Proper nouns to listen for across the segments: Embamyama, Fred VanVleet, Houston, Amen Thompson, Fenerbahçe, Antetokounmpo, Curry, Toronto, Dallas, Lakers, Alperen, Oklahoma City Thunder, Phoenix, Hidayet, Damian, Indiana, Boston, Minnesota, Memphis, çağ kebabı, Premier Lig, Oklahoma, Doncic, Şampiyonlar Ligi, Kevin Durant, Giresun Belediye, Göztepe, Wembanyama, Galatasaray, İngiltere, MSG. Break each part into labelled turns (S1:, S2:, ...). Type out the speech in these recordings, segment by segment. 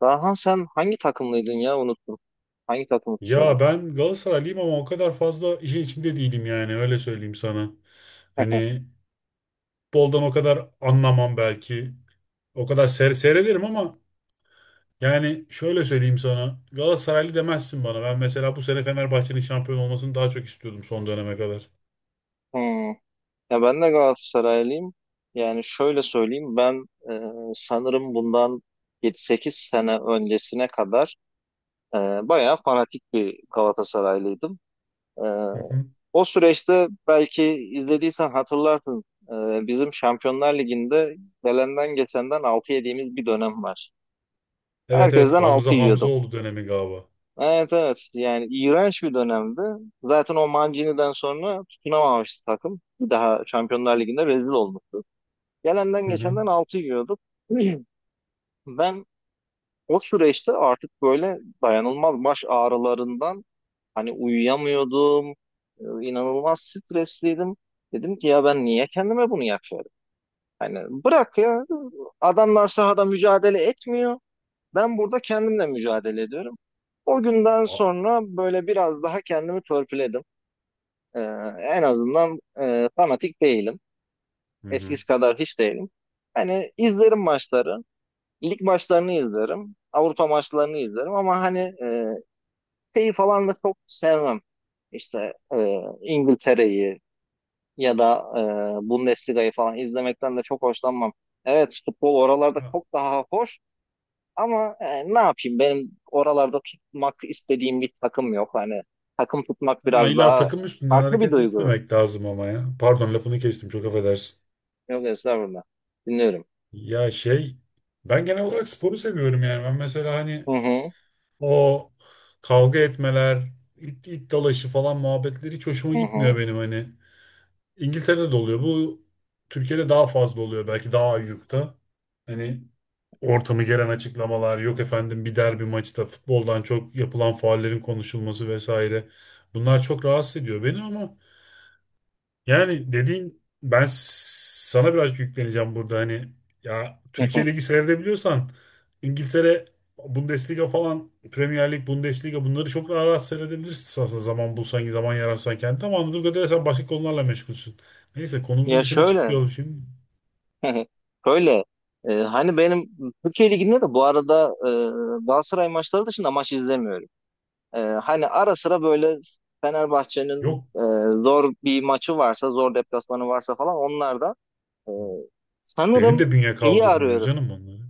S1: Daha sen hangi takımlıydın ya unuttum. Hangi takımı tutuyordun?
S2: Ya ben Galatasaraylıyım ama o kadar fazla işin içinde değilim yani öyle söyleyeyim sana. Hani futboldan o kadar anlamam belki. O kadar seyrederim ama yani şöyle söyleyeyim sana. Galatasaraylı demezsin bana. Ben mesela bu sene Fenerbahçe'nin şampiyon olmasını daha çok istiyordum son döneme kadar.
S1: Hmm. Ya ben de Galatasaraylıyım. Yani şöyle söyleyeyim ben sanırım bundan 7-8 sene öncesine kadar e, bayağı fanatik bir Galatasaraylıydım. E,
S2: Hı hı.
S1: o süreçte belki izlediysen hatırlarsın bizim Şampiyonlar Ligi'nde gelenden geçenden 6 yediğimiz bir dönem var.
S2: Evet, evet,
S1: Herkesten 6
S2: Hamza
S1: yiyorduk.
S2: oldu dönemi galiba.
S1: Evet, evet, yani iğrenç bir dönemdi. Zaten o Mancini'den sonra tutunamamıştı takım. Bir daha Şampiyonlar Ligi'nde rezil olmuştu. Gelenden
S2: Hı hı.
S1: geçenden 6 yiyorduk. Ben o süreçte artık böyle dayanılmaz baş ağrılarından hani uyuyamıyordum. İnanılmaz stresliydim. Dedim ki ya ben niye kendime bunu yapıyorum? Hani bırak ya, adamlar sahada mücadele etmiyor. Ben burada kendimle mücadele ediyorum. O günden
S2: A-
S1: sonra böyle biraz daha kendimi törpüledim. Ee, en azından fanatik değilim.
S2: Hı hı.
S1: Eskisi kadar hiç değilim. Hani izlerim maçları. Lig maçlarını izlerim, Avrupa maçlarını izlerim, ama hani şeyi falan da çok sevmem. İşte İngiltere'yi ya da Bundesliga'yı falan izlemekten de çok hoşlanmam. Evet, futbol oralarda
S2: Ha,
S1: çok daha hoş. Ama ne yapayım, benim oralarda tutmak istediğim bir takım yok. Hani takım tutmak
S2: ha,
S1: biraz
S2: illa
S1: daha
S2: takım üstünden
S1: farklı bir
S2: hareket
S1: duygu.
S2: etmemek lazım ama ya. Pardon, lafını kestim, çok affedersin.
S1: Yok, estağfurullah. Dinliyorum.
S2: Ya ben genel olarak sporu seviyorum yani. Ben mesela hani
S1: Hı hı,
S2: o kavga etmeler, it dalaşı falan muhabbetleri hiç hoşuma
S1: hı
S2: gitmiyor
S1: hı,
S2: benim hani. İngiltere'de de oluyor. Bu Türkiye'de daha fazla oluyor belki, daha ayyukta. Hani ortamı geren açıklamalar, yok efendim bir derbi maçta futboldan çok yapılan faullerin konuşulması vesaire. Bunlar çok rahatsız ediyor beni ama yani dediğin ben sana biraz yükleneceğim burada hani ya
S1: hı hı.
S2: Türkiye Ligi seyredebiliyorsan İngiltere Bundesliga falan Premier Lig, Bundesliga bunları çok rahat rahat seyredebilirsin aslında zaman bulsan, zaman yaratsan kendine ama anladığım kadarıyla sen başka konularla meşgulsün. Neyse,
S1: Ya
S2: konumuzun dışına
S1: şöyle,
S2: çıkmayalım şimdi.
S1: şöyle hani benim Türkiye Ligi'nde de bu arada Galatasaray maçları dışında maç izlemiyorum. Hani ara sıra böyle Fenerbahçe'nin
S2: Yok,
S1: zor bir maçı varsa, zor deplasmanı varsa falan onlar da e,
S2: benim
S1: sanırım
S2: de bünye
S1: şeyi
S2: kaldırmıyor
S1: arıyorum.
S2: canım onları.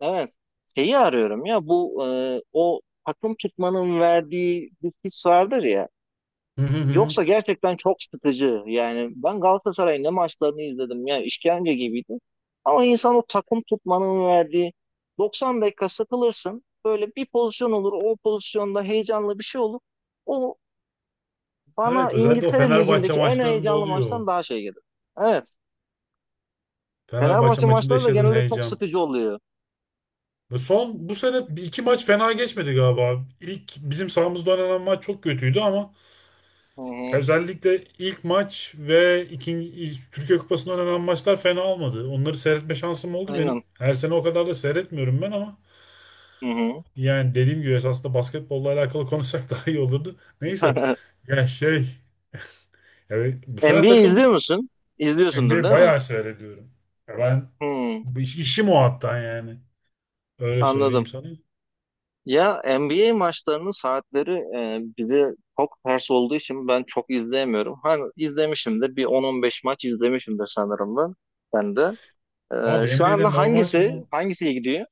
S1: Evet. Şeyi arıyorum ya, bu o takım tutmanın verdiği bir his vardır ya.
S2: Hı hı hı.
S1: Yoksa gerçekten çok sıkıcı. Yani ben Galatasaray'ın ne maçlarını izledim, ya işkence gibiydi. Ama insan o takım tutmanın verdiği, 90 dakika sıkılırsın, böyle bir pozisyon olur, o pozisyonda heyecanlı bir şey olur. O bana
S2: Evet, özellikle o
S1: İngiltere
S2: Fenerbahçe
S1: Ligi'ndeki en
S2: maçlarında
S1: heyecanlı
S2: oluyor.
S1: maçtan daha şey gelir. Evet.
S2: Fenerbahçe
S1: Fenerbahçe
S2: maçında
S1: maçları da
S2: yaşadığın
S1: genelde çok
S2: heyecan.
S1: sıkıcı oluyor.
S2: Ve son bu sene bir iki maç fena geçmedi galiba. İlk bizim sahamızda oynanan maç çok kötüydü ama
S1: Hı hı.
S2: özellikle ilk maç ve ikinci Türkiye Kupası'nda oynanan maçlar fena olmadı. Onları seyretme şansım oldu benim.
S1: Aynen.
S2: Her sene o kadar da seyretmiyorum ben ama
S1: Hı hı.
S2: yani dediğim gibi esasında basketbolla alakalı konuşsak daha iyi olurdu. Neyse. Ya yani bu sene
S1: NBA izliyor
S2: takım
S1: musun? İzliyorsundur
S2: NBA
S1: değil mi?
S2: bayağı seyrediyorum. Ya ben
S1: Hmm,
S2: bu işim o hatta yani. Öyle
S1: anladım.
S2: söyleyeyim sana.
S1: Ya NBA maçlarının saatleri bize çok ters olduğu için ben çok izleyemiyorum. Hani izlemişimdir. Bir 10-15 maç izlemişimdir sanırım da. Ben de. E,
S2: Abi
S1: şu
S2: NBA'de
S1: anda
S2: normal
S1: hangisi
S2: sezon
S1: hangisi gidiyor?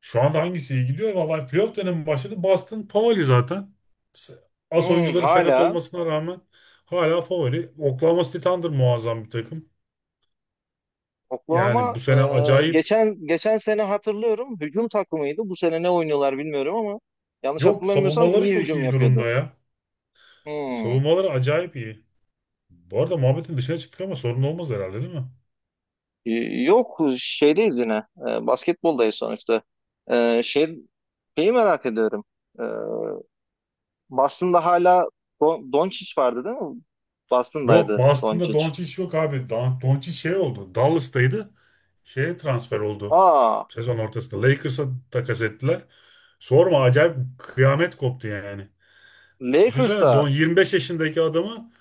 S2: şu anda hangisi iyi gidiyor? Vallahi playoff dönemi başladı. Boston favori zaten. S- As
S1: Hmm,
S2: oyuncuları sakat
S1: hala
S2: olmasına rağmen hala favori. Oklahoma City Thunder muazzam bir takım. Yani
S1: Oklahoma.
S2: bu
S1: e,
S2: sene acayip.
S1: geçen geçen sene hatırlıyorum, hücum takımıydı. Bu sene ne oynuyorlar bilmiyorum ama yanlış
S2: Yok,
S1: hatırlamıyorsam
S2: savunmaları
S1: iyi
S2: çok
S1: hücum
S2: iyi durumda
S1: yapıyordu.
S2: ya.
S1: Hmm.
S2: Savunmaları acayip iyi. Bu arada muhabbetin dışına çıktık ama sorun olmaz herhalde değil mi?
S1: Yok şeydeyiz yine. Basketboldayız sonuçta. E, şey, şeyi merak ediyorum. E, Boston'da hala Doncic vardı değil mi?
S2: Yok,
S1: Boston'daydı
S2: Boston'da
S1: Doncic.
S2: Doncic yok abi. Doncic şey oldu. Dallas'taydı. Şeye transfer oldu.
S1: Aa,
S2: Sezon ortasında. Lakers'a takas ettiler. Sorma, acayip kıyamet koptu yani. Düşünsene
S1: Lakers'ta.
S2: Don 25 yaşındaki adamı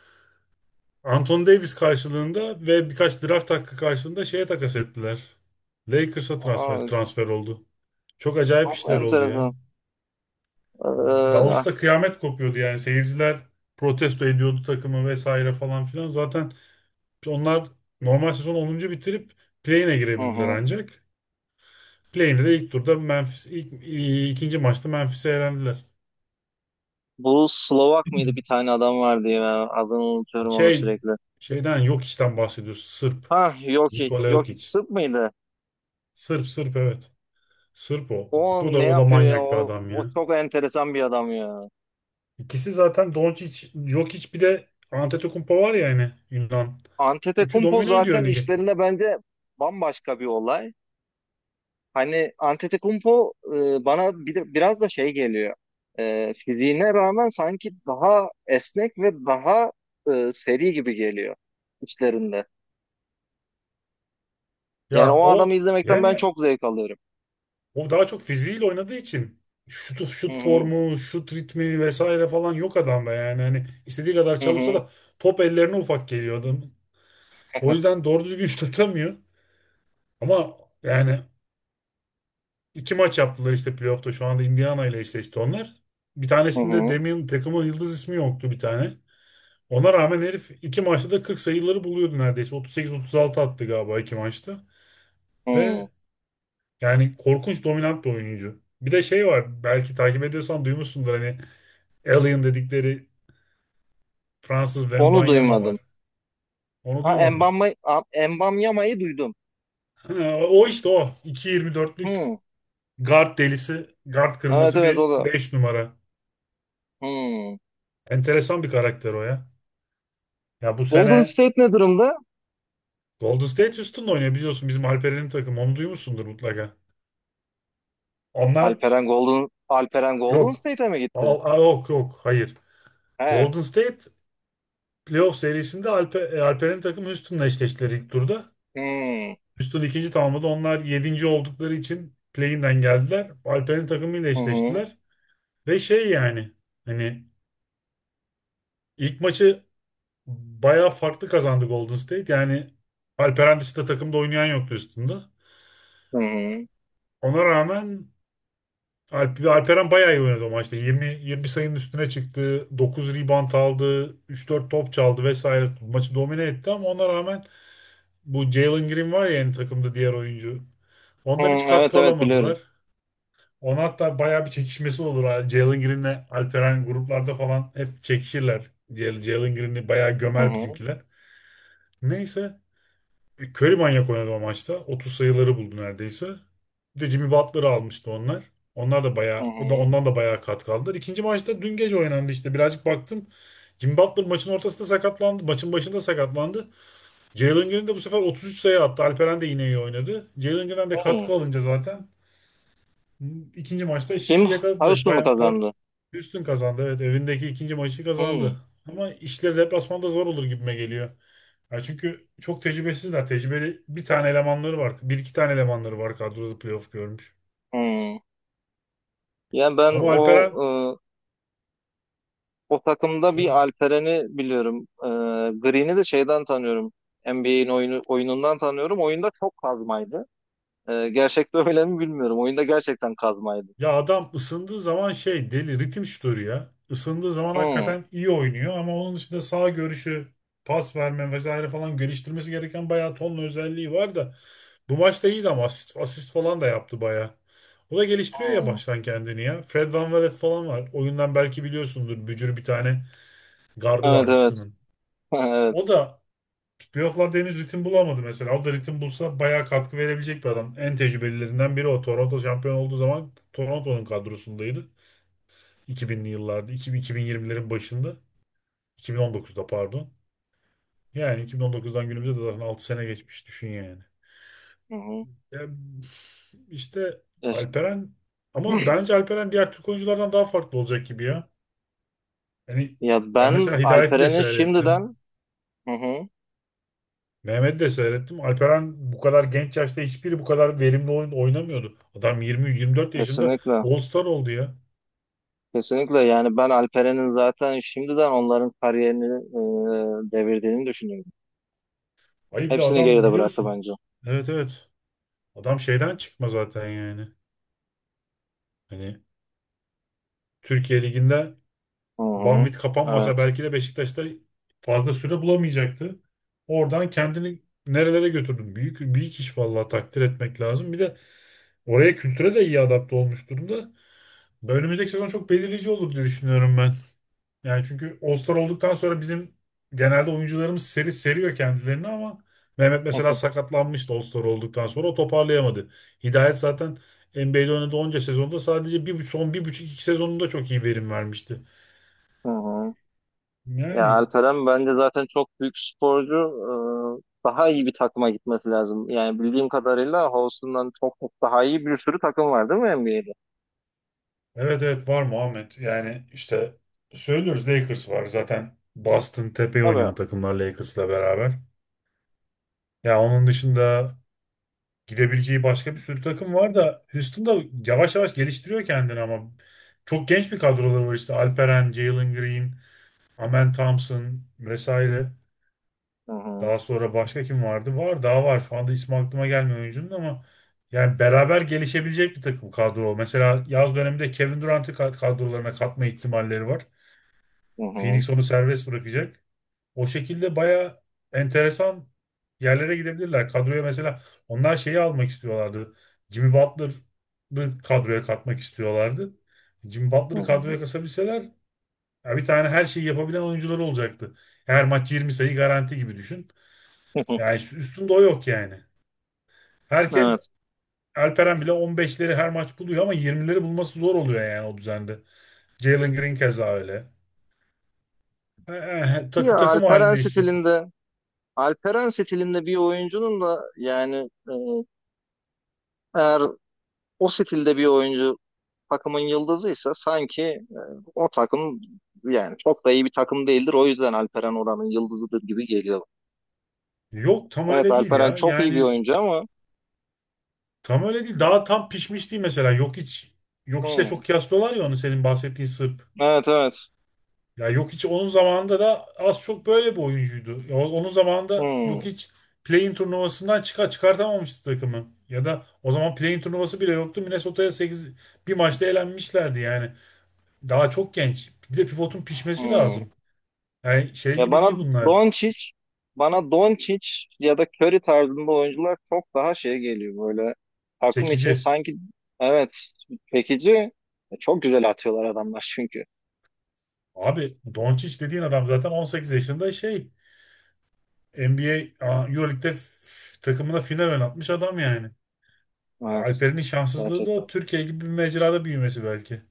S2: Anthony Davis karşılığında ve birkaç draft hakkı karşılığında şeye takas ettiler. Lakers'a transfer,
S1: Aa,
S2: transfer oldu. Çok acayip
S1: çok
S2: işler oldu ya.
S1: enteresan. E,
S2: Dallas'ta kıyamet kopuyordu yani. Seyirciler protesto ediyordu takımı vesaire falan filan. Zaten onlar normal sezon 10. bitirip play-in'e
S1: hı
S2: girebildiler
S1: hı.
S2: ancak. Play-in'de de ilk turda Memphis, ikinci maçta Memphis'e elendiler.
S1: Bu Slovak mıydı, bir tane adam vardı ya. Adını unutuyorum onu
S2: Şey,
S1: sürekli.
S2: şeyden yok, işten bahsediyorsun. Sırp.
S1: Ha, Jokic.
S2: Nikola
S1: Jokic
S2: Jokic.
S1: Sırp mıydı?
S2: Sırp, Sırp, evet. Sırp o.
S1: O
S2: Bu
S1: ne
S2: da, o da
S1: yapıyor ya?
S2: manyak bir
S1: O,
S2: adam
S1: o
S2: ya.
S1: çok enteresan bir adam ya.
S2: İkisi zaten Doncic, Jokic bir de Antetokounmpo var ya yani Yunan. Üçü
S1: Antetokounmpo
S2: domine
S1: zaten
S2: ediyor ligi.
S1: işlerinde bence bambaşka bir olay. Hani Antetokounmpo bana bir de, biraz da şey geliyor. Fiziğine rağmen sanki daha esnek ve daha seri gibi geliyor işlerinde. Yani
S2: Ya
S1: o adamı
S2: o
S1: izlemekten ben
S2: yani
S1: çok zevk alıyorum.
S2: o daha çok fiziğiyle oynadığı için
S1: Hı
S2: şut
S1: hı,
S2: formu, şut ritmi vesaire falan yok adamda yani. Hani istediği kadar
S1: hı
S2: çalışsa
S1: hı,
S2: da top ellerine ufak geliyor adam. O yüzden doğru düzgün şut atamıyor. Ama yani İki maç yaptılar işte playoff'ta. Şu anda Indiana ile eşleşti onlar. Bir
S1: hı
S2: tanesinde
S1: hı.
S2: Damian takımın yıldız ismi yoktu bir tane. Ona rağmen herif iki maçta da 40 sayıları buluyordu neredeyse. 38-36 attı galiba iki maçta.
S1: Hı.
S2: Ve yani korkunç dominant bir oyuncu. Bir de şey var, belki takip ediyorsan duymuşsundur hani Alien dedikleri Fransız
S1: Onu
S2: Wembanyama
S1: duymadım.
S2: var. Onu
S1: Ha
S2: duymadın.
S1: Embamma, A- Embamyama'yı duydum.
S2: Ha, o işte o. 2.24'lük
S1: Hı.
S2: guard delisi, guard
S1: Evet,
S2: kırması
S1: evet, o
S2: bir
S1: da.
S2: 5 numara.
S1: Hı.
S2: Enteresan bir karakter o ya. Ya bu
S1: Golden
S2: sene
S1: State ne durumda?
S2: Golden State Houston'da oynuyor biliyorsun bizim Alperen'in takımı, onu duymuşsundur mutlaka. Onlar
S1: Alperen Golden
S2: yok.
S1: State'e mi gitti?
S2: Yok, yok, hayır.
S1: He.
S2: Golden State playoff serisinde Alperen'in takımı Houston'la eşleştiler ilk turda.
S1: Hmm.
S2: Houston ikinci tamamladı. Onlar yedinci oldukları için play-in'den geldiler. Alperen'in takımıyla
S1: Hı hı.
S2: eşleştiler. Ve şey yani hani ilk maçı bayağı farklı kazandı Golden State. Yani Alperen dışında takımda oynayan yoktu Houston'da.
S1: Hı hı.
S2: Ona rağmen Alperen bayağı iyi oynadı o maçta. 20 20 sayının üstüne çıktı. 9 rebound aldı. 3-4 top çaldı vesaire. Maçı domine etti ama ona rağmen bu Jalen Green var ya yani takımda diğer oyuncu.
S1: Hı,
S2: Ondan hiç
S1: evet,
S2: katkı
S1: evet, biliyorum.
S2: alamadılar. Ona hatta bayağı bir çekişmesi olur, ha. Jalen Green'le Alperen gruplarda falan hep çekişirler. Jalen Green'i bayağı
S1: Hı
S2: gömer
S1: hı.
S2: bizimkiler. Neyse, Curry manyak oynadı o maçta. 30 sayıları buldu neredeyse. Bir de Jimmy Butler'ı almıştı onlar. Onlar da
S1: Hı
S2: bayağı, o da
S1: hı.
S2: ondan da bayağı katkı aldılar. İkinci maçta dün gece oynandı işte. Birazcık baktım. Jimmy Butler maçın ortasında sakatlandı. Maçın başında sakatlandı. Jalen Green de bu sefer 33 sayı attı. Alperen de yine iyi oynadı. Jalen Green'den de
S1: Hı.
S2: katkı alınca zaten İkinci maçta
S1: Kim?
S2: eşitliği yakaladılar.
S1: Houston mu
S2: Bayağı fark
S1: kazandı?
S2: üstün kazandı. Evet, evindeki ikinci maçı
S1: Hı.
S2: kazandı. Ama işleri deplasmanda zor olur gibime geliyor. Ya çünkü çok tecrübesizler. Tecrübeli bir tane elemanları var. Bir iki tane elemanları var kadroda playoff görmüş.
S1: Hı. Yani ben
S2: Ama
S1: o
S2: Alperen
S1: o takımda bir
S2: söyle.
S1: Alperen'i biliyorum. Green'i de şeyden tanıyorum. NBA'in oyunundan tanıyorum. Oyunda çok kazmaydı. Gerçekte öyle mi bilmiyorum. Oyunda gerçekten kazmaydı.
S2: Ya adam ısındığı zaman şey deli ritim şutörü ya. Isındığı zaman
S1: Hı.
S2: hakikaten iyi oynuyor ama onun dışında sağ görüşü, pas verme vesaire falan geliştirmesi gereken bayağı tonla özelliği var da bu maçta iyiydi ama asist falan da yaptı baya. O da geliştiriyor ya
S1: Hı.
S2: baştan kendini ya. Fred VanVleet falan var. Oyundan belki biliyorsundur. Bücür bir tane gardı var
S1: Evet, evet.
S2: Houston'ın.
S1: Evet.
S2: O da playofflarda henüz ritim bulamadı mesela. O da ritim bulsa bayağı katkı verebilecek bir adam. En tecrübelilerinden biri o. Toronto şampiyon olduğu zaman Toronto'nun kadrosundaydı. 2000'li yıllarda. 2000 2020'lerin başında. 2019'da pardon. Yani 2019'dan günümüze de zaten 6 sene geçmiş düşün yani.
S1: Hı hı.
S2: Ya, işte
S1: Yaş-
S2: Alperen ama bence Alperen diğer Türk oyunculardan daha farklı olacak gibi ya. Yani
S1: ya
S2: ben
S1: ben
S2: mesela Hidayet'i de
S1: Alperen'in
S2: seyrettim.
S1: şimdiden, hı hı,
S2: Mehmet'i de seyrettim. Alperen bu kadar genç yaşta hiçbiri bu kadar verimli oyun oynamıyordu. Adam 20-24 yaşında
S1: kesinlikle,
S2: All-Star oldu ya.
S1: kesinlikle yani ben Alperen'in zaten şimdiden onların kariyerini devirdiğini düşünüyorum.
S2: Ay bir de
S1: Hepsini
S2: adam
S1: geride bıraktı
S2: biliyorsun.
S1: bence.
S2: Evet, evet. Adam şeyden çıkma zaten yani. Hani Türkiye Ligi'nde
S1: Hı hı.
S2: Banvit kapanmasa
S1: Evet.
S2: belki de Beşiktaş'ta fazla süre bulamayacaktı. Oradan kendini nerelere götürdüm. Büyük büyük iş, vallahi takdir etmek lazım. Bir de oraya, kültüre de iyi adapte olmuş durumda. Önümüzdeki sezon çok belirleyici olur diye düşünüyorum ben. Yani çünkü All-Star olduktan sonra bizim genelde oyuncularımız seri seriyor kendilerini ama Mehmet mesela sakatlanmıştı All-Star olduktan sonra o toparlayamadı. Hidayet zaten NBA'de oynadığı onca sezonda sadece bir, son bir buçuk iki sezonunda çok iyi verim vermişti.
S1: Hı hı. Ya
S2: Yani
S1: Alperen bence zaten çok büyük sporcu. Daha iyi bir takıma gitmesi lazım. Yani bildiğim kadarıyla Houston'dan çok çok daha iyi bir sürü takım var değil mi NBA'de?
S2: evet, evet, var Muhammed. Yani işte söylüyoruz Lakers var zaten, Boston tepeyi
S1: Tabii.
S2: oynayan takımlar Lakers'la beraber. Ya onun dışında gidebileceği başka bir sürü takım var da Houston da yavaş yavaş geliştiriyor kendini ama çok genç bir kadroları var işte Alperen, Jalen Green, Amen Thompson vesaire.
S1: Hı hı.
S2: Daha sonra başka kim vardı? Var, daha var. Şu anda ismi aklıma gelmiyor oyuncunun ama yani beraber gelişebilecek bir takım kadro. Mesela yaz döneminde Kevin Durant'ı kadrolarına katma ihtimalleri var.
S1: Hı hı.
S2: Phoenix onu serbest bırakacak. O şekilde baya enteresan yerlere gidebilirler. Kadroya mesela onlar şeyi almak istiyorlardı. Jimmy Butler'ı kadroya katmak istiyorlardı. Jimmy
S1: Hı
S2: Butler'ı
S1: hı.
S2: kadroya kasabilseler ya bir tane her şeyi yapabilen oyuncuları olacaktı. Her maç 20 sayı garanti gibi düşün. Yani üstünde o yok yani. Herkes
S1: Evet.
S2: Alperen bile 15'leri her maç buluyor ama 20'leri bulması zor oluyor yani o düzende. Jalen Green keza öyle.
S1: Ya
S2: Takım
S1: Alperen
S2: halinde iş.
S1: stilinde Alperen stilinde bir oyuncunun da yani eğer o stilde bir oyuncu takımın yıldızıysa, sanki o takım yani çok da iyi bir takım değildir. O yüzden Alperen oranın yıldızıdır gibi geliyor.
S2: Yok tam
S1: Evet,
S2: öyle değil
S1: Alperen
S2: ya.
S1: çok iyi bir
S2: Yani
S1: oyuncu ama
S2: tam öyle değil. Daha tam pişmiş değil mesela. Yok hiç, yok işte
S1: hmm,
S2: çok kıyaslıyorlar ya onu senin bahsettiğin Sırp.
S1: evet, evet,
S2: Ya yok hiç onun zamanında da az çok böyle bir oyuncuydu. Ya onun zamanında
S1: hmm,
S2: yok hiç play-in turnuvasından çıkartamamıştı takımı. Ya da o zaman play-in turnuvası bile yoktu. Minnesota'ya 8 bir maçta elenmişlerdi yani. Daha çok genç. Bir de pivotun pişmesi
S1: hmm.
S2: lazım. Yani şey
S1: Ya
S2: gibi değil bunlar.
S1: Doncic bana Doncic ya da Curry tarzında oyuncular çok daha şey geliyor, böyle takım için
S2: Çekici.
S1: sanki, evet, çekici, çok güzel atıyorlar adamlar çünkü.
S2: Abi Doncic dediğin adam zaten 18 yaşında şey NBA Euroleague'de takımına final oynatmış adam yani. E,
S1: Evet.
S2: Alperen'in şanssızlığı da
S1: Gerçekten.
S2: o Türkiye gibi bir mecrada büyümesi belki.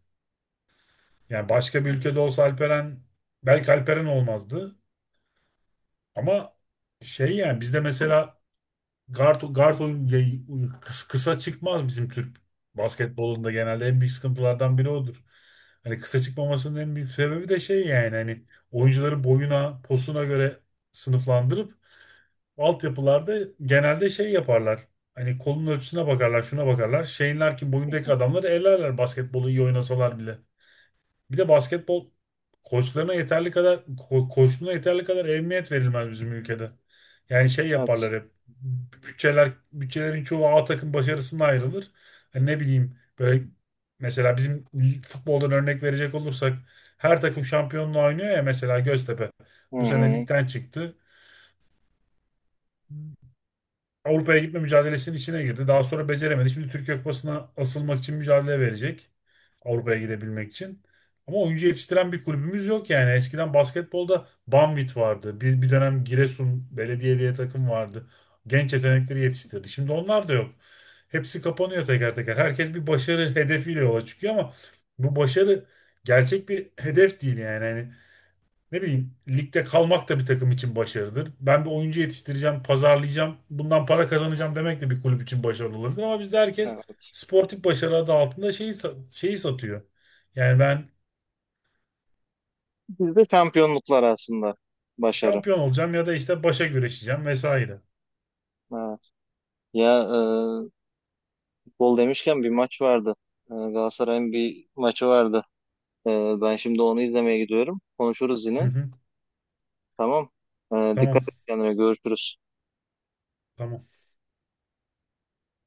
S2: Yani başka bir ülkede olsa Alperen belki Alperen olmazdı. Ama şey yani bizde mesela guard oyun kısa çıkmaz bizim Türk basketbolunda genelde en büyük sıkıntılardan biri odur. Hani kısa çıkmamasının en büyük sebebi de şey yani hani oyuncuları boyuna, posuna göre sınıflandırıp altyapılarda genelde şey yaparlar. Hani kolun ölçüsüne bakarlar, şuna bakarlar. Şeyinler ki boyundaki adamları ellerler basketbolu iyi oynasalar bile. Bir de basketbol koçlarına yeterli kadar koçluğuna yeterli kadar ehemmiyet verilmez bizim ülkede. Yani şey
S1: Evet.
S2: yaparlar hep. Bütçelerin çoğu A takım başarısına ayrılır. Hani ne bileyim böyle mesela bizim futboldan örnek verecek olursak her takım şampiyonluğa oynuyor ya, mesela Göztepe
S1: Hı
S2: bu sene
S1: hı.
S2: ligden çıktı. Avrupa'ya gitme mücadelesinin içine girdi. Daha sonra beceremedi. Şimdi Türkiye Kupası'na asılmak için mücadele verecek. Avrupa'ya gidebilmek için. Ama oyuncu yetiştiren bir kulübümüz yok yani. Eskiden basketbolda Banvit vardı. Bir dönem Giresun Belediye diye takım vardı. Genç yetenekleri yetiştirdi. Şimdi onlar da yok. Hepsi kapanıyor teker teker. Herkes bir başarı hedefiyle yola çıkıyor ama bu başarı gerçek bir hedef değil yani. Yani ne bileyim ligde kalmak da bir takım için başarıdır. Ben bir oyuncu yetiştireceğim, pazarlayacağım, bundan para kazanacağım demek de bir kulüp için başarılı olabilir. Ama bizde herkes
S1: Evet.
S2: sportif başarı adı altında şeyi satıyor. Yani ben
S1: Bizde şampiyonluklar aslında. Başarı.
S2: şampiyon olacağım ya da işte başa güreşeceğim vesaire.
S1: Evet. Ya, gol demişken bir maç vardı. Galatasaray'ın bir maçı vardı. E, ben şimdi onu izlemeye gidiyorum. Konuşuruz
S2: Hı
S1: yine.
S2: hı,
S1: Tamam. E,
S2: tamam,
S1: dikkat et kendine. Görüşürüz.
S2: tamam.